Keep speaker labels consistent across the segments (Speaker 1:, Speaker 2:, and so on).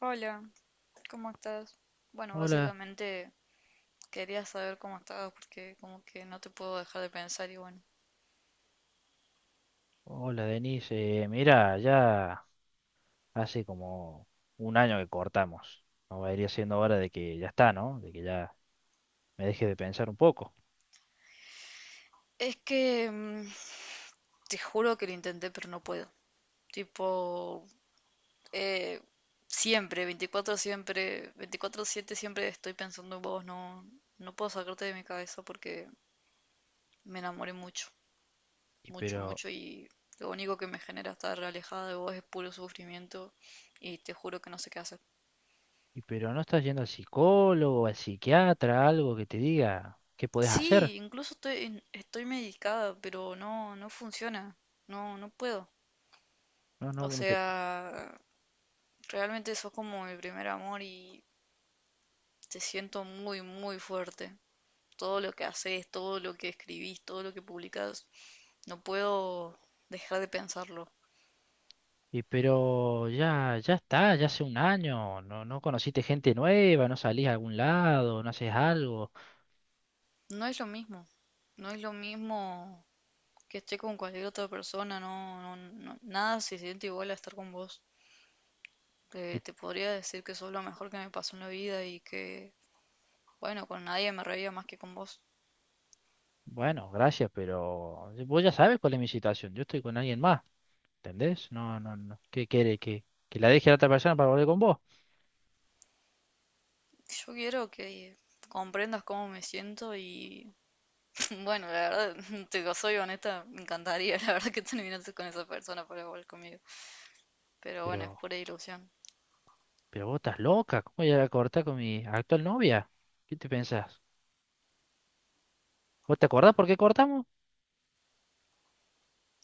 Speaker 1: Hola, ¿cómo estás? Bueno,
Speaker 2: Hola,
Speaker 1: básicamente quería saber cómo estabas porque como que no te puedo dejar de pensar y bueno.
Speaker 2: hola Denise. Mira, ya hace como un año que cortamos. No va a ir siendo hora de que ya está, ¿no? De que ya me dejes de pensar un poco.
Speaker 1: Es que te juro que lo intenté pero no puedo. Tipo, eh, siempre, 24 siempre, 24/7 siempre estoy pensando en vos, no, no puedo sacarte de mi cabeza porque me enamoré mucho,
Speaker 2: Y
Speaker 1: mucho,
Speaker 2: pero,
Speaker 1: mucho, y lo único que me genera estar alejada de vos es puro sufrimiento, y te juro que no sé qué hacer.
Speaker 2: y pero no estás yendo al psicólogo, al psiquiatra, algo que te diga qué podés hacer.
Speaker 1: Sí, incluso estoy, estoy medicada, pero no, no funciona, no, no puedo.
Speaker 2: No, no,
Speaker 1: O
Speaker 2: bueno, pero,
Speaker 1: sea, realmente sos como mi primer amor y te siento muy, muy fuerte. Todo lo que haces, todo lo que escribís, todo lo que publicás, no puedo dejar de pensarlo.
Speaker 2: y pero ya está, ya hace un año. No, no conociste gente nueva, no salís a algún lado, no haces algo.
Speaker 1: No es lo mismo, no es lo mismo que esté con cualquier otra persona, no, no, nada se siente igual a estar con vos.
Speaker 2: Y
Speaker 1: Te podría decir que sos lo mejor que me pasó en la vida y que… Bueno, con nadie me reía más que con vos.
Speaker 2: bueno, gracias, pero vos ya sabes cuál es mi situación. Yo estoy con alguien más. ¿Entendés? No, no, no. ¿Qué quiere? ¿Que la deje a la otra persona para volver con vos?
Speaker 1: Yo quiero que comprendas cómo me siento y bueno, la verdad, te digo, soy honesta, me encantaría, la verdad, que terminases con esa persona para volver conmigo. Pero bueno, es
Speaker 2: Pero,
Speaker 1: pura ilusión.
Speaker 2: pero vos estás loca. ¿Cómo voy a cortar con mi actual novia? ¿Qué te pensás? ¿Vos te acordás por qué cortamos?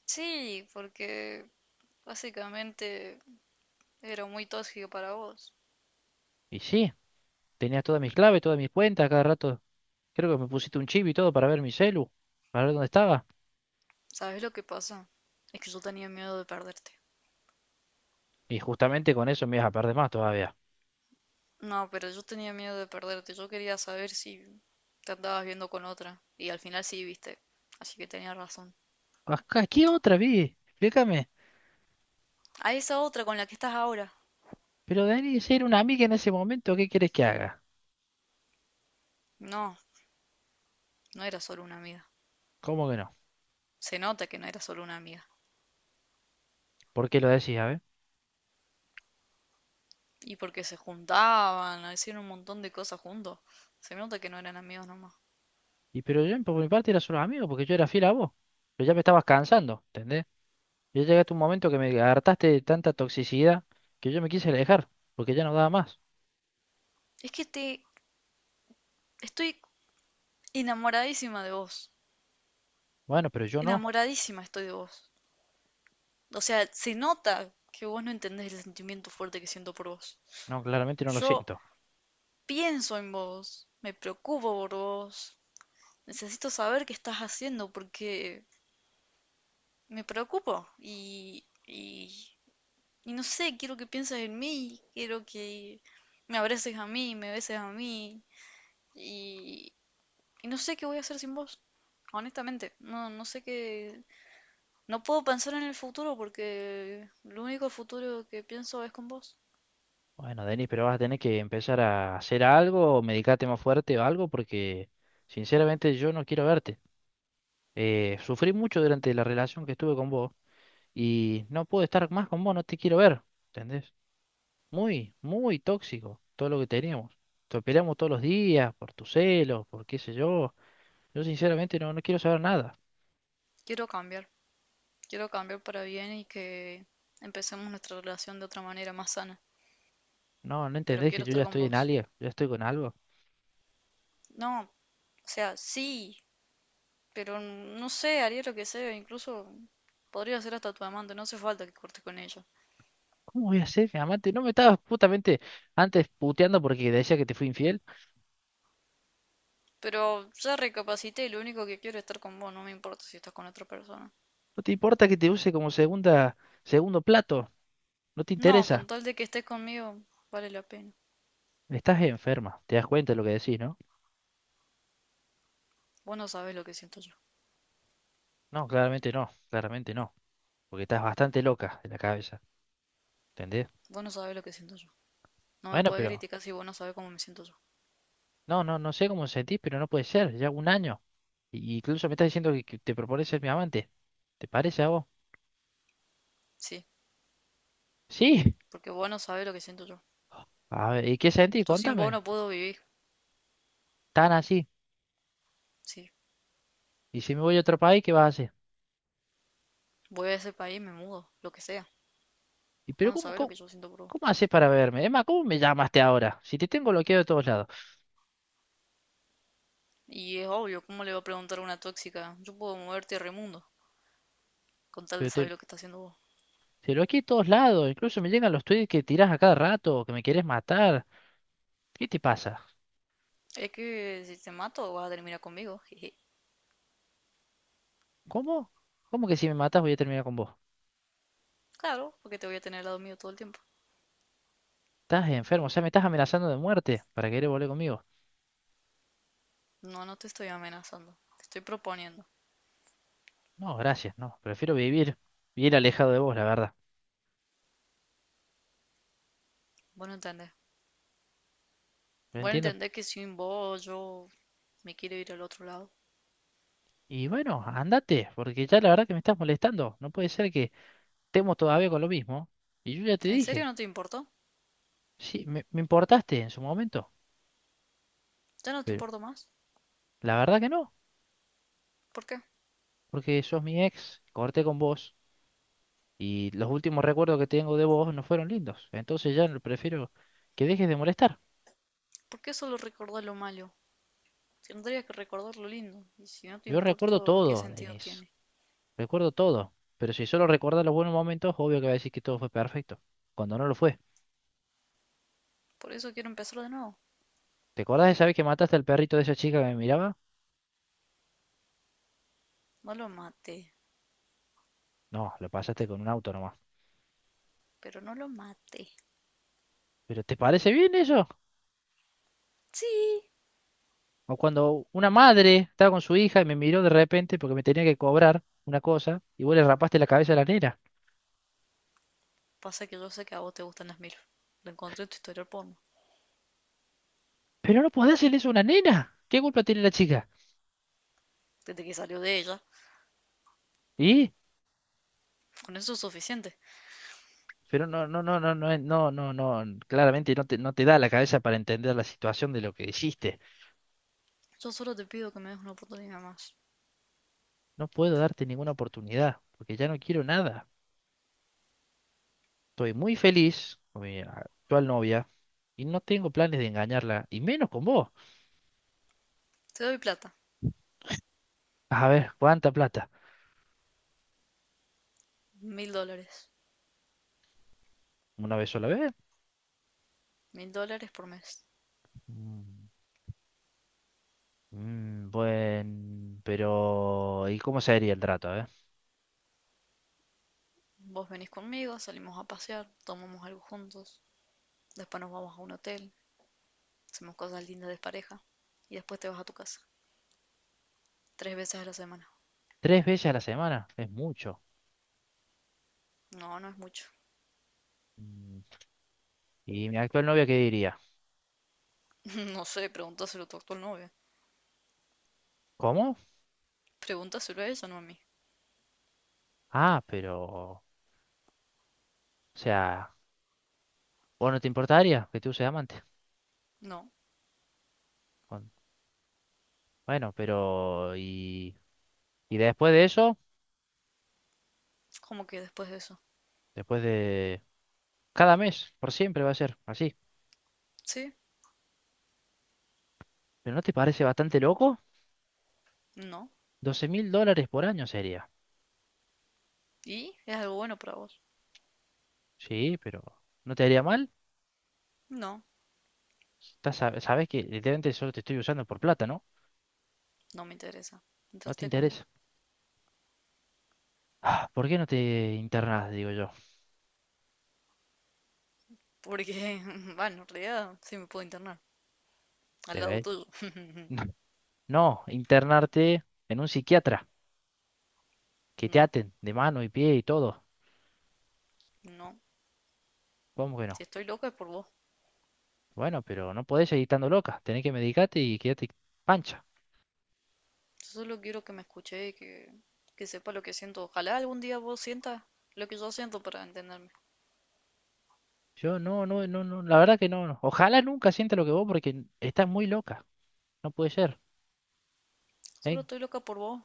Speaker 1: Sí, porque básicamente era muy tóxico para vos.
Speaker 2: Y sí, tenías todas mis claves, todas mis cuentas, cada rato. Creo que me pusiste un chip y todo para ver mi celu, para ver dónde estaba.
Speaker 1: ¿Sabes lo que pasa? Es que yo tenía miedo de perderte.
Speaker 2: Y justamente con eso me ibas a perder más todavía.
Speaker 1: No, pero yo tenía miedo de perderte. Yo quería saber si te andabas viendo con otra. Y al final sí, viste. Así que tenía razón.
Speaker 2: Acá, ¿qué otra vi? Explícame.
Speaker 1: A esa otra con la que estás ahora.
Speaker 2: Pero Dani, si era una amiga en ese momento, ¿qué quieres que haga?
Speaker 1: No, no era solo una amiga.
Speaker 2: ¿Cómo que no?
Speaker 1: Se nota que no era solo una amiga.
Speaker 2: ¿Por qué lo decís? A ver.
Speaker 1: Y porque se juntaban, hacían un montón de cosas juntos. Se nota que no eran amigos nomás.
Speaker 2: Y pero yo por mi parte era solo amigo, porque yo era fiel a vos. Pero ya me estabas cansando, ¿entendés? Yo llegué hasta un momento que me hartaste de tanta toxicidad que yo me quise alejar, porque ya no daba más.
Speaker 1: Es que te estoy enamoradísima de vos.
Speaker 2: Bueno, pero yo no.
Speaker 1: Enamoradísima estoy de vos. O sea, se nota que vos no entendés el sentimiento fuerte que siento por vos.
Speaker 2: No, claramente no lo
Speaker 1: Yo
Speaker 2: siento.
Speaker 1: pienso en vos, me preocupo por vos. Necesito saber qué estás haciendo porque me preocupo y… Y no sé, quiero que pienses en mí, quiero que me abraces a mí, me beses a mí. Y, y no sé qué voy a hacer sin vos, honestamente. No, no sé qué… No puedo pensar en el futuro porque lo único futuro que pienso es con vos.
Speaker 2: Bueno, Denis, pero vas a tener que empezar a hacer algo, o medicarte más fuerte o algo, porque sinceramente yo no quiero verte. Sufrí mucho durante la relación que estuve con vos y no puedo estar más con vos, no te quiero ver, ¿entendés? Muy, muy tóxico todo lo que teníamos. Nos peleamos todos los días por tus celos, por qué sé yo. Yo sinceramente no, no quiero saber nada.
Speaker 1: Quiero cambiar, quiero cambiar para bien y que empecemos nuestra relación de otra manera más sana.
Speaker 2: No, no
Speaker 1: Pero
Speaker 2: entendés que
Speaker 1: quiero
Speaker 2: yo ya
Speaker 1: estar con
Speaker 2: estoy en
Speaker 1: vos.
Speaker 2: alguien, ya estoy con algo.
Speaker 1: No, o sea, sí, pero no sé, haría lo que sea, incluso podría ser hasta tu amante, no hace falta que cortes con ella.
Speaker 2: ¿Cómo voy a ser mi amante? No me estabas justamente antes puteando porque decía que te fui infiel.
Speaker 1: Pero ya recapacité y lo único que quiero es estar con vos, no me importa si estás con otra persona.
Speaker 2: No te importa que te use como segunda, segundo plato. No te
Speaker 1: No, con
Speaker 2: interesa.
Speaker 1: tal de que estés conmigo, vale la pena.
Speaker 2: Estás enferma. ¿Te das cuenta de lo que decís, no?
Speaker 1: Vos no sabés lo que siento yo.
Speaker 2: No, claramente no, claramente no. Porque estás bastante loca de la cabeza. ¿Entendés?
Speaker 1: Vos no sabés lo que siento yo. No me
Speaker 2: Bueno,
Speaker 1: podés
Speaker 2: pero
Speaker 1: criticar si vos no sabés cómo me siento yo.
Speaker 2: no, no, no sé cómo sentís, pero no puede ser, ya un año. Y- incluso me estás diciendo que te propones ser mi amante. ¿Te parece a vos?
Speaker 1: Sí,
Speaker 2: Sí.
Speaker 1: porque vos no sabés lo que siento yo.
Speaker 2: A ver, ¿y qué sentís?
Speaker 1: Yo sin vos
Speaker 2: Contame.
Speaker 1: no puedo vivir.
Speaker 2: Tan así.
Speaker 1: Sí,
Speaker 2: Y si me voy a otro país, ¿qué vas a hacer?
Speaker 1: voy a ese país, me mudo, lo que sea.
Speaker 2: ¿Y pero
Speaker 1: Vos no
Speaker 2: cómo,
Speaker 1: sabés lo
Speaker 2: cómo,
Speaker 1: que yo siento por vos.
Speaker 2: cómo haces para verme? Emma, ¿cómo me llamaste ahora? Si te tengo bloqueado de todos lados.
Speaker 1: Y es obvio, ¿cómo le va a preguntar a una tóxica? Yo puedo moverte a remundo, con tal de
Speaker 2: Pero te,
Speaker 1: saber lo que está haciendo vos.
Speaker 2: te bloqueé de todos lados. Incluso me llegan los tweets que tirás a cada rato, que me querés matar. ¿Qué te pasa?
Speaker 1: Es que si te mato, vas a terminar conmigo. Jeje.
Speaker 2: ¿Cómo? ¿Cómo que si me matás voy a terminar con vos?
Speaker 1: Claro, porque te voy a tener al lado mío todo el tiempo.
Speaker 2: Estás enfermo, o sea, me estás amenazando de muerte para querer volver conmigo.
Speaker 1: No, no te estoy amenazando. Te estoy proponiendo.
Speaker 2: No, gracias, no. Prefiero vivir bien alejado de vos, la verdad.
Speaker 1: Vos no entendés.
Speaker 2: Lo
Speaker 1: Vos no
Speaker 2: entiendo.
Speaker 1: entendés que sin vos yo me quiero ir al otro lado.
Speaker 2: Y bueno, andate, porque ya la verdad que me estás molestando. No puede ser que estemos todavía con lo mismo. Y yo ya te
Speaker 1: ¿En serio
Speaker 2: dije,
Speaker 1: no te importó?
Speaker 2: sí, me importaste en su momento,
Speaker 1: ¿Ya no te
Speaker 2: pero
Speaker 1: importo más?
Speaker 2: la verdad que no,
Speaker 1: ¿Por qué?
Speaker 2: porque sos mi ex, corté con vos y los últimos recuerdos que tengo de vos no fueron lindos. Entonces ya no prefiero que dejes de molestar.
Speaker 1: ¿Por qué solo recordar lo malo? Tendrías que recordar lo lindo. Y si no te
Speaker 2: Yo recuerdo
Speaker 1: importo, ¿qué
Speaker 2: todo,
Speaker 1: sentido
Speaker 2: Denise,
Speaker 1: tiene?
Speaker 2: recuerdo todo. Pero si solo recordás los buenos momentos, obvio que vas a decir que todo fue perfecto, cuando no lo fue.
Speaker 1: Por eso quiero empezar de nuevo.
Speaker 2: ¿Te acordás de esa vez que mataste al perrito de esa chica que me miraba?
Speaker 1: No lo maté.
Speaker 2: No, lo pasaste con un auto nomás.
Speaker 1: Pero no lo maté.
Speaker 2: ¿Pero te parece bien eso?
Speaker 1: Sí.
Speaker 2: O cuando una madre estaba con su hija y me miró de repente porque me tenía que cobrar una cosa y vos le rapaste la cabeza a la nena.
Speaker 1: Pasa que yo sé que a vos te gustan las mil. Lo encontré en tu historial porno.
Speaker 2: Pero no podés hacerle eso a una nena. ¿Qué culpa tiene la chica?
Speaker 1: Desde que salió de ella.
Speaker 2: ¿Y?
Speaker 1: Con eso es suficiente.
Speaker 2: Pero no, no, no, no, no, no, no, no, claramente no te da la cabeza para entender la situación de lo que hiciste.
Speaker 1: Yo solo te pido que me des una oportunidad más.
Speaker 2: No puedo darte ninguna oportunidad porque ya no quiero nada. Estoy muy feliz con mi actual novia y no tengo planes de engañarla, y menos con vos.
Speaker 1: Te doy plata.
Speaker 2: A ver, ¿cuánta plata?
Speaker 1: $1000.
Speaker 2: ¿Una vez sola vez?
Speaker 1: $1000 por mes.
Speaker 2: Mm, buen, pero ¿y cómo sería el trato, eh?
Speaker 1: Vos venís conmigo, salimos a pasear, tomamos algo juntos, después nos vamos a un hotel, hacemos cosas lindas de pareja y después te vas a tu casa, tres veces a la semana.
Speaker 2: ¿Tres veces a la semana? Es mucho.
Speaker 1: No, no es mucho.
Speaker 2: Mm, ¿Y mi actual novia qué diría?
Speaker 1: No sé, pregúntaselo tú a tu actual novia.
Speaker 2: ¿Cómo?
Speaker 1: Pregúntaselo a ella, no a mí.
Speaker 2: Ah, pero, o sea, ¿vos no te importaría que tú seas amante?
Speaker 1: No,
Speaker 2: Con- Bueno, pero, ¿y y después de eso?
Speaker 1: ¿cómo que después de eso?
Speaker 2: Después de... Cada mes, por siempre va a ser así.
Speaker 1: Sí,
Speaker 2: ¿Pero no te parece bastante loco?
Speaker 1: no.
Speaker 2: 12.000 dólares por año sería.
Speaker 1: ¿Y? ¿Es algo bueno para vos?
Speaker 2: Sí, pero ¿no te haría mal?
Speaker 1: No,
Speaker 2: Estás sabes que literalmente solo te estoy usando por plata, ¿no?
Speaker 1: no me interesa.
Speaker 2: No te
Speaker 1: Entraste con vos.
Speaker 2: interesa. Ah, ¿por qué no te internas, digo yo?
Speaker 1: Porque, bueno, en realidad sí me puedo internar. Al lado
Speaker 2: Debe.
Speaker 1: tuyo.
Speaker 2: No, no, internarte en un psiquiatra, que te
Speaker 1: No,
Speaker 2: aten de mano y pie y todo.
Speaker 1: no.
Speaker 2: ¿Cómo que
Speaker 1: Si
Speaker 2: no?
Speaker 1: estoy loca es por vos.
Speaker 2: Bueno, pero no podés seguir estando loca. Tenés que medicarte y quedarte pancha.
Speaker 1: Yo solo quiero que me escuche y que sepa lo que siento. Ojalá algún día vos sientas lo que yo siento para entenderme.
Speaker 2: Yo no, no, no, no, la verdad que no, no. Ojalá nunca sienta lo que vos porque estás muy loca. No puede ser.
Speaker 1: Solo
Speaker 2: ¿Eh?
Speaker 1: estoy loca por vos,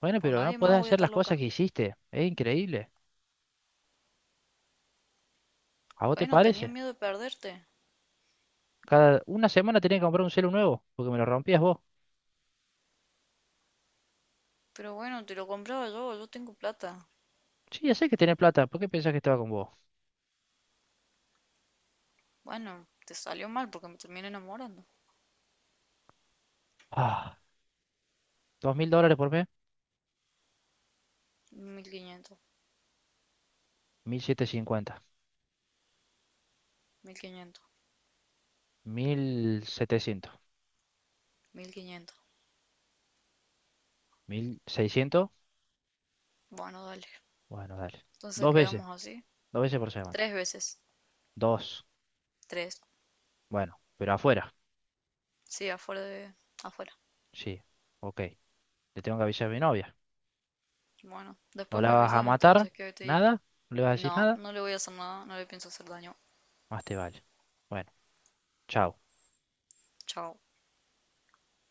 Speaker 2: Bueno,
Speaker 1: por
Speaker 2: pero no
Speaker 1: nadie
Speaker 2: puedes
Speaker 1: más voy a
Speaker 2: hacer
Speaker 1: estar
Speaker 2: las cosas
Speaker 1: loca.
Speaker 2: que hiciste. Es increíble. ¿A vos te
Speaker 1: Bueno, tenías
Speaker 2: parece?
Speaker 1: miedo de perderte,
Speaker 2: Cada una semana tenés que comprar un celu nuevo, porque me lo rompías vos.
Speaker 1: pero bueno, te lo compraba yo, yo tengo plata.
Speaker 2: Sí, ya sé que tenés plata. ¿Por qué pensás que estaba con vos?
Speaker 1: Bueno, te salió mal porque me terminé enamorando.
Speaker 2: Ah, 2.000 dólares por mes,
Speaker 1: 1000, 1500
Speaker 2: 1.700. 50,
Speaker 1: 1500.
Speaker 2: 1.700,
Speaker 1: Mil quinientos.
Speaker 2: 1.600.
Speaker 1: Bueno, dale.
Speaker 2: Bueno, dale.
Speaker 1: Entonces
Speaker 2: Dos veces,
Speaker 1: quedamos así.
Speaker 2: dos veces por semana.
Speaker 1: Tres veces.
Speaker 2: Dos.
Speaker 1: Tres.
Speaker 2: Bueno, pero afuera.
Speaker 1: Sí, afuera de… afuera.
Speaker 2: Sí, ok. Le tengo que avisar a mi novia.
Speaker 1: Bueno,
Speaker 2: No
Speaker 1: después
Speaker 2: la
Speaker 1: me
Speaker 2: vas a
Speaker 1: avisas
Speaker 2: matar,
Speaker 1: entonces qué te dijo.
Speaker 2: nada, no le vas a decir
Speaker 1: No,
Speaker 2: nada,
Speaker 1: no le voy a hacer nada, no le pienso hacer daño.
Speaker 2: más te vale. Bueno, chao.
Speaker 1: Chao.